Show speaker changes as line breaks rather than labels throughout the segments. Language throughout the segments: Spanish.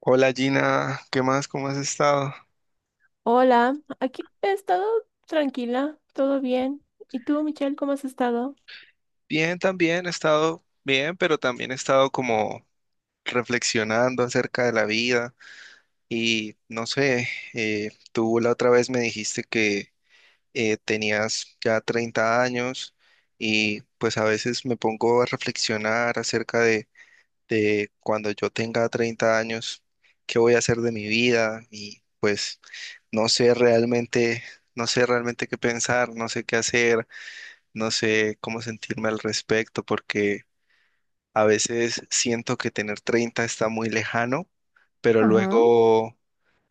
Hola Gina, ¿qué más? ¿Cómo has estado?
Hola, aquí he estado tranquila, todo bien. ¿Y tú, Michelle, cómo has estado?
Bien, también he estado bien, pero también he estado como reflexionando acerca de la vida y no sé, tú la otra vez me dijiste que tenías ya 30 años y pues a veces me pongo a reflexionar acerca de cuando yo tenga 30 años, qué voy a hacer de mi vida y pues no sé realmente, no sé realmente qué pensar, no sé qué hacer. No sé cómo sentirme al respecto porque a veces siento que tener 30 está muy lejano, pero luego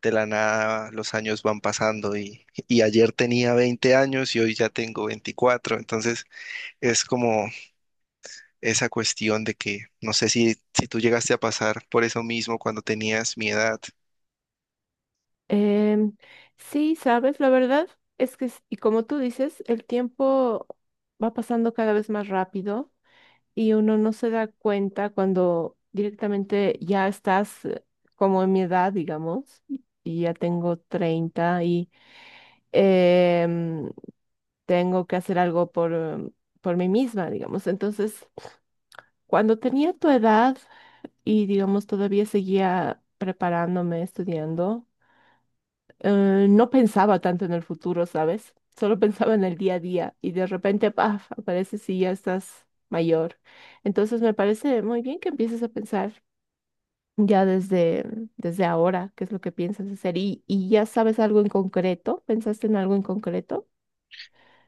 de la nada los años van pasando y ayer tenía 20 años y hoy ya tengo 24, entonces es como esa cuestión de que no sé si tú llegaste a pasar por eso mismo cuando tenías mi edad.
Em, sí, sabes, la verdad es que, y como tú dices, el tiempo va pasando cada vez más rápido y uno no se da cuenta cuando directamente ya estás como en mi edad, digamos, y ya tengo 30 y em, tengo que hacer algo por, por mí misma, digamos. Entonces, cuando tenía tu edad, y digamos todavía seguía preparándome, estudiando. No pensaba tanto en el futuro, ¿sabes? Solo pensaba en el día a día y de repente, paf, aparece si ya estás mayor. Entonces me parece muy bien que empieces a pensar ya desde ahora qué es lo que piensas hacer y ya sabes algo en concreto, ¿pensaste en algo en concreto?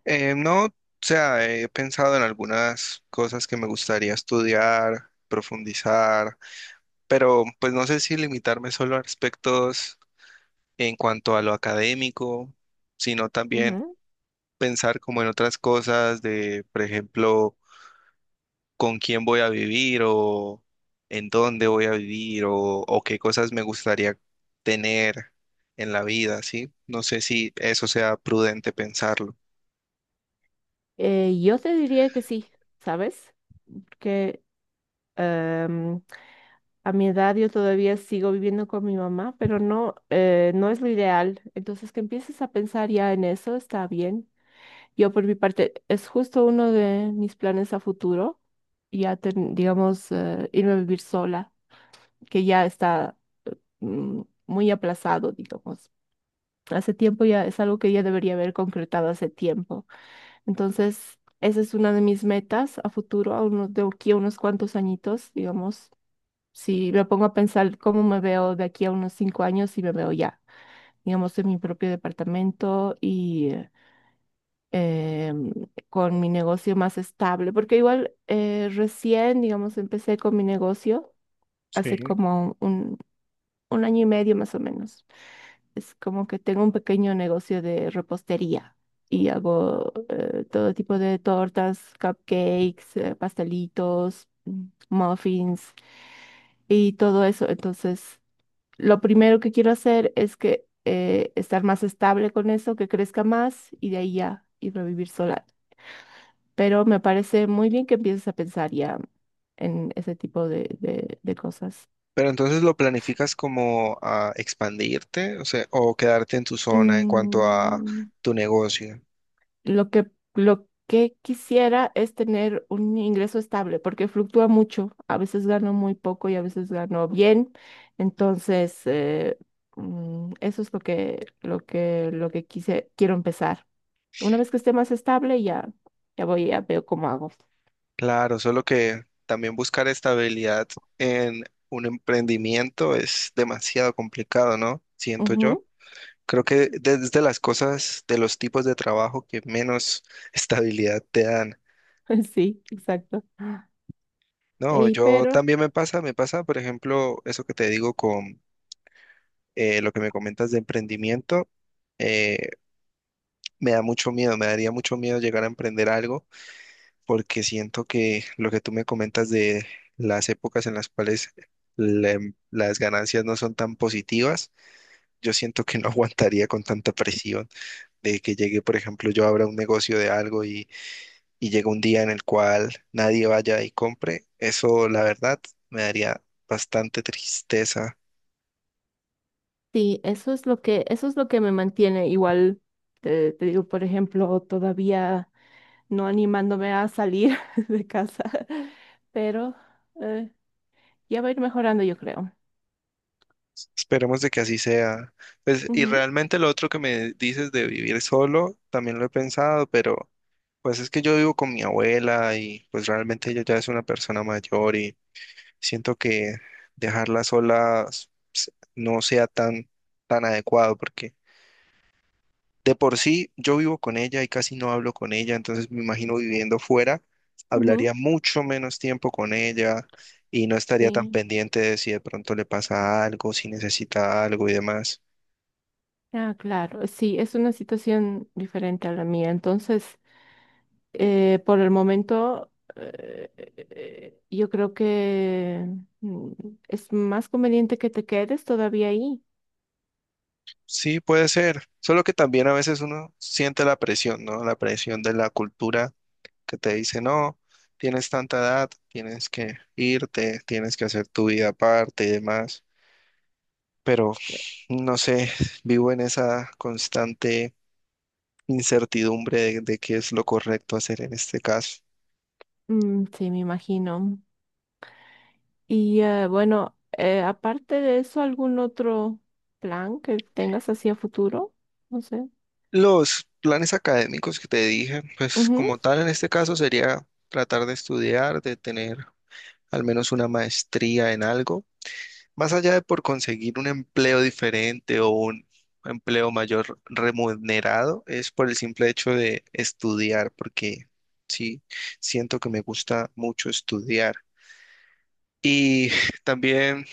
No, o sea, he pensado en algunas cosas que me gustaría estudiar, profundizar, pero pues no sé si limitarme solo a aspectos en cuanto a lo académico, sino también
Ujú.
pensar como en otras cosas de, por ejemplo, con quién voy a vivir o en dónde voy a vivir o qué cosas me gustaría tener en la vida, ¿sí? No sé si eso sea prudente pensarlo.
Yo te diría que sí, ¿sabes? Que em, a mi edad yo todavía sigo viviendo con mi mamá, pero no, no es lo ideal. Entonces, que empieces a pensar ya en eso está bien. Yo por mi parte, es justo uno de mis planes a futuro, digamos, irme a vivir sola, que ya está eh, mm, muy aplazado, digamos. Hace tiempo ya es algo que ya debería haber concretado hace tiempo. Entonces, esa es una de mis metas a futuro, a unos, de aquí a unos cuantos añitos, digamos. Si me pongo a pensar cómo me veo de aquí a unos cinco años, y me veo ya, digamos, en mi propio departamento y eh, con mi negocio más estable, porque igual recién, digamos, empecé con mi negocio hace
Sí.
un año y medio más o menos. Es como que tengo un pequeño negocio de repostería y hago todo tipo de tortas, cupcakes, pastelitos, muffins y todo eso. Entonces, lo primero que quiero hacer es estar más estable con eso, que crezca más y de ahí ya ir a vivir sola. Pero me parece muy bien que empieces a pensar ya en ese tipo de, de cosas.
Pero entonces lo planificas como a expandirte, o sea, o quedarte en tu zona en cuanto a
Mm,
tu negocio.
lo que, lo que quisiera es tener un ingreso estable, porque fluctúa mucho. A veces gano muy poco y a veces gano bien. Entonces, eso es lo que, lo que quiero empezar. Una vez que esté más estable, ya, ya veo cómo hago.
Claro, solo que también buscar estabilidad en un emprendimiento es demasiado complicado, ¿no? Siento yo.
Ujú.
Creo que desde las cosas, de los tipos de trabajo que menos estabilidad te dan.
Sí, exacto.
No,
Y
yo
pero
también me pasa, por ejemplo, eso que te digo con lo que me comentas de emprendimiento, eh, me da mucho miedo, me daría mucho miedo llegar a emprender algo porque siento que lo que tú me comentas de las épocas en las cuales la- las ganancias no son tan positivas, yo siento que no aguantaría con tanta presión de que llegue, por ejemplo, yo abra un negocio de algo y llegue un día en el cual nadie vaya y compre. Eso, la verdad, me daría bastante tristeza.
Sí, eso es lo que, eso es lo que me mantiene. Igual te digo, por ejemplo, todavía no animándome a salir de casa, pero eh, ya va a ir mejorando, yo creo.
Esperemos de que así sea. Pues, y
Ujú,
realmente lo otro que me dices de vivir solo, también lo he pensado, pero... Pues es que yo vivo con mi abuela y pues realmente ella ya es una persona mayor y siento que dejarla sola no sea tan, tan adecuado porque de por sí yo vivo con ella y casi no hablo con ella, entonces me imagino viviendo fuera,
ujú,
hablaría mucho menos tiempo con ella y no estaría tan
sí.
pendiente de si de pronto le pasa algo, si necesita algo y demás.
Ah, claro, sí, es una situación diferente a la mía. Entonces, por el momento, yo creo que mm, es más conveniente que te quedes todavía ahí.
Sí, puede ser, solo que también a veces uno siente la presión, ¿no? La presión de la cultura que te dice, no, tienes tanta edad, tienes que irte, tienes que hacer tu vida aparte y demás. Pero no sé, vivo en esa constante incertidumbre de qué es lo correcto hacer en este caso.
Mm, sí, me imagino. Y bueno, aparte de eso, ¿algún otro plan que tengas hacia futuro? No sé.
Los planes académicos que te dije, pues
Ujú.
como tal en este caso sería tratar de estudiar, de tener al menos una maestría en algo. Más allá de por conseguir un empleo diferente o un empleo mayor remunerado, es por el simple hecho de estudiar, porque sí, siento que me gusta mucho estudiar. Y también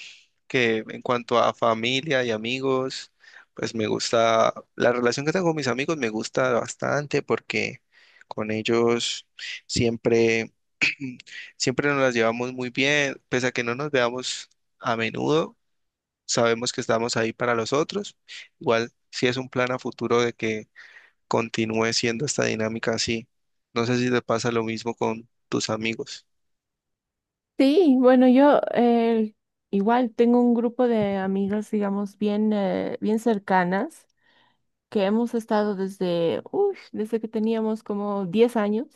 que en cuanto a familia y amigos, pues me gusta, la relación que tengo con mis amigos me gusta bastante porque con ellos siempre, siempre nos las llevamos muy bien, pese a que no nos veamos a menudo sabemos que estamos ahí para los otros. Igual, si es un plan a futuro de que continúe siendo esta dinámica así. No sé si te pasa lo mismo con tus amigos.
Sí, bueno, yo igual tengo un grupo de amigas, digamos, bien, bien cercanas, que hemos estado desde, uy, desde que teníamos como 10 años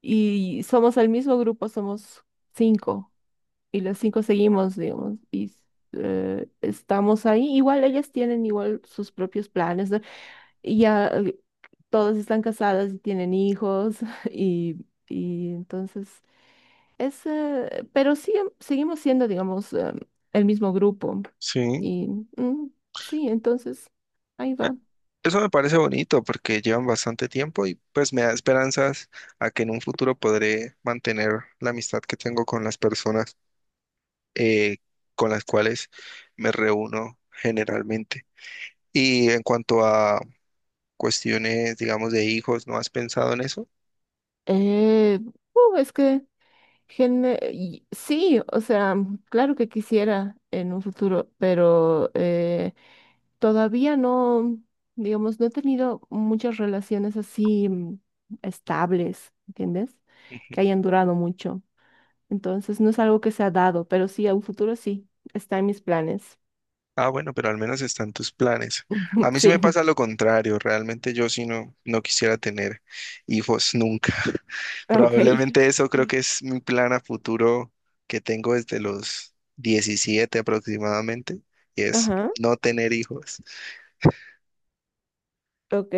y somos el mismo grupo, somos cinco y los cinco seguimos, digamos, y estamos ahí. Igual ellas tienen igual sus propios planes. Y ya todos están casados y tienen hijos y, y entonces es, pero sí, seguimos siendo, digamos, el mismo grupo.
Sí,
Y mm, sí, entonces ahí
eh,
va.
eso me parece bonito porque llevan bastante tiempo y pues me da esperanzas a que en un futuro podré mantener la amistad que tengo con las personas eh, con las cuales me reúno generalmente. Y en cuanto a cuestiones, digamos, de hijos, ¿no has pensado en eso?
Eh, es que sí, o sea, claro que quisiera en un futuro, pero todavía no, digamos, no he tenido muchas relaciones así estables, ¿entiendes?
Ujú.
Que hayan durado mucho. Entonces, no es algo que se ha dado, pero sí, a un futuro sí, está en mis planes.
Ah, bueno, pero al menos están tus planes. A mí sí me
Sí,
pasa lo contrario, realmente yo sí no, no quisiera tener hijos nunca.
ok.
Probablemente eso creo que es mi plan a futuro que tengo desde los 17 aproximadamente, y es
Ajá,
no tener hijos.
ok.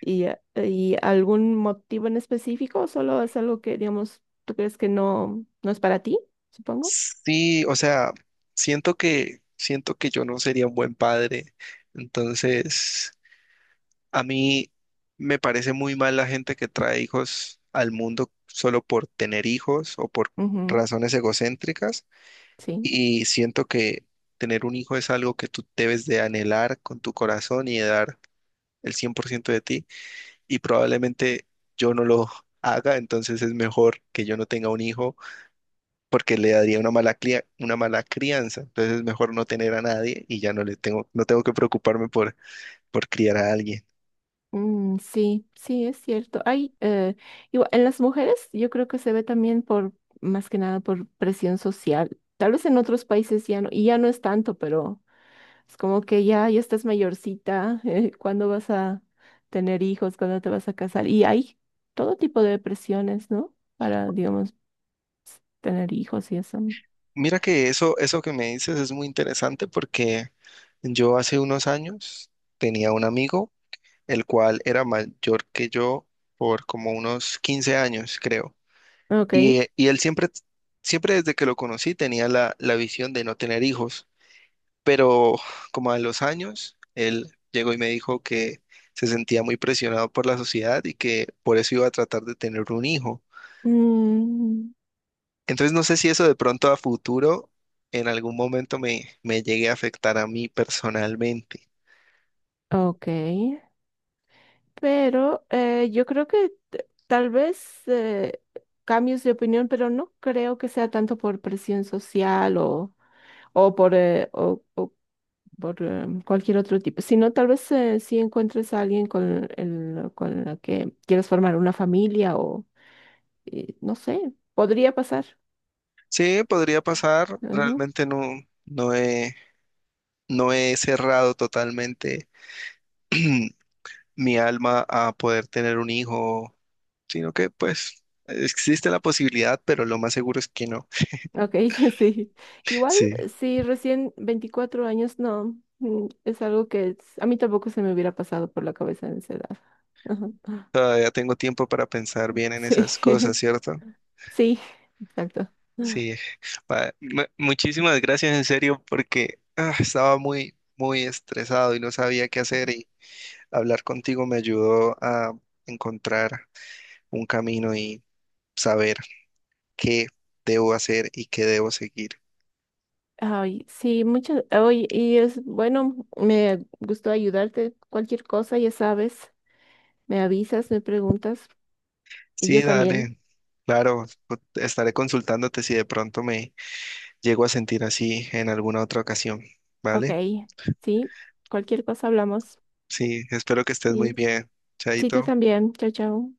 Y algún motivo en específico o solo es algo que, digamos, tú crees que no, no es para ti, supongo?
Sí, o sea, siento que yo no sería un buen padre, entonces a mí me parece muy mal la gente que trae hijos al mundo solo por tener hijos o por
Ujú,
razones egocéntricas
sí.
y siento que tener un hijo es algo que tú debes de anhelar con tu corazón y de dar el 100% de ti y probablemente yo no lo haga, entonces es mejor que yo no tenga un hijo porque le daría una mala una mala crianza, entonces es mejor no tener a nadie y ya no le tengo no tengo que preocuparme por criar a alguien.
Mm, sí, sí, es cierto. Hay, igual, en las mujeres yo creo que se ve también por, más que nada por presión social. Tal vez en otros países ya no, y ya no es tanto, pero es como que ya, ya estás mayorcita, ¿cuándo vas a tener hijos? ¿Cuándo te vas a casar? Y hay todo tipo de presiones, ¿no? Para, digamos, tener hijos y eso.
Mira que eso que me dices es muy interesante porque yo hace unos años tenía un amigo, el cual era mayor que yo por como unos 15 años, creo.
Ok.
Y él siempre, siempre desde que lo conocí tenía la, la visión de no tener hijos, pero como a los años, él llegó y me dijo que se sentía muy presionado por la sociedad y que por eso iba a tratar de tener un hijo.
Mm,
Entonces no sé si eso de pronto a futuro en algún momento me llegue a afectar a mí personalmente.
ok. Pero yo creo que tal vez cambios de opinión, pero no creo que sea tanto por presión social o, o por cualquier otro tipo, sino tal vez si encuentres a alguien con con la que quieres formar una familia o no sé, podría pasar.
Sí, podría pasar,
Ujú.
realmente no, no he, no he cerrado totalmente mi alma a poder tener un hijo, sino que pues existe la posibilidad, pero lo más seguro es que no.
Ok, sí. Igual,
Sí,
si recién 24 años, no, mm, es algo que es- a mí tampoco se me hubiera pasado por la cabeza en esa edad. Ajá.
todavía tengo tiempo para pensar bien en
Sí,
esas cosas, ¿cierto?
sí, exacto.
Sí, muchísimas gracias en serio porque ah, estaba muy, muy estresado y no sabía qué hacer y hablar contigo me ayudó a encontrar un camino y saber qué debo hacer y qué debo seguir.
Ay, sí, muchas. Oye, y es bueno, me gustó ayudarte. Cualquier cosa, ya sabes, me avisas, me preguntas y
Sí,
yo también.
dale, claro, estaré consultándote si de pronto me llego a sentir así en alguna otra ocasión,
Ok,
¿vale?
sí, cualquier cosa hablamos.
Sí, espero que estés muy
Sí,
bien,
sí, tú
Chaito.
también. Chao, chao.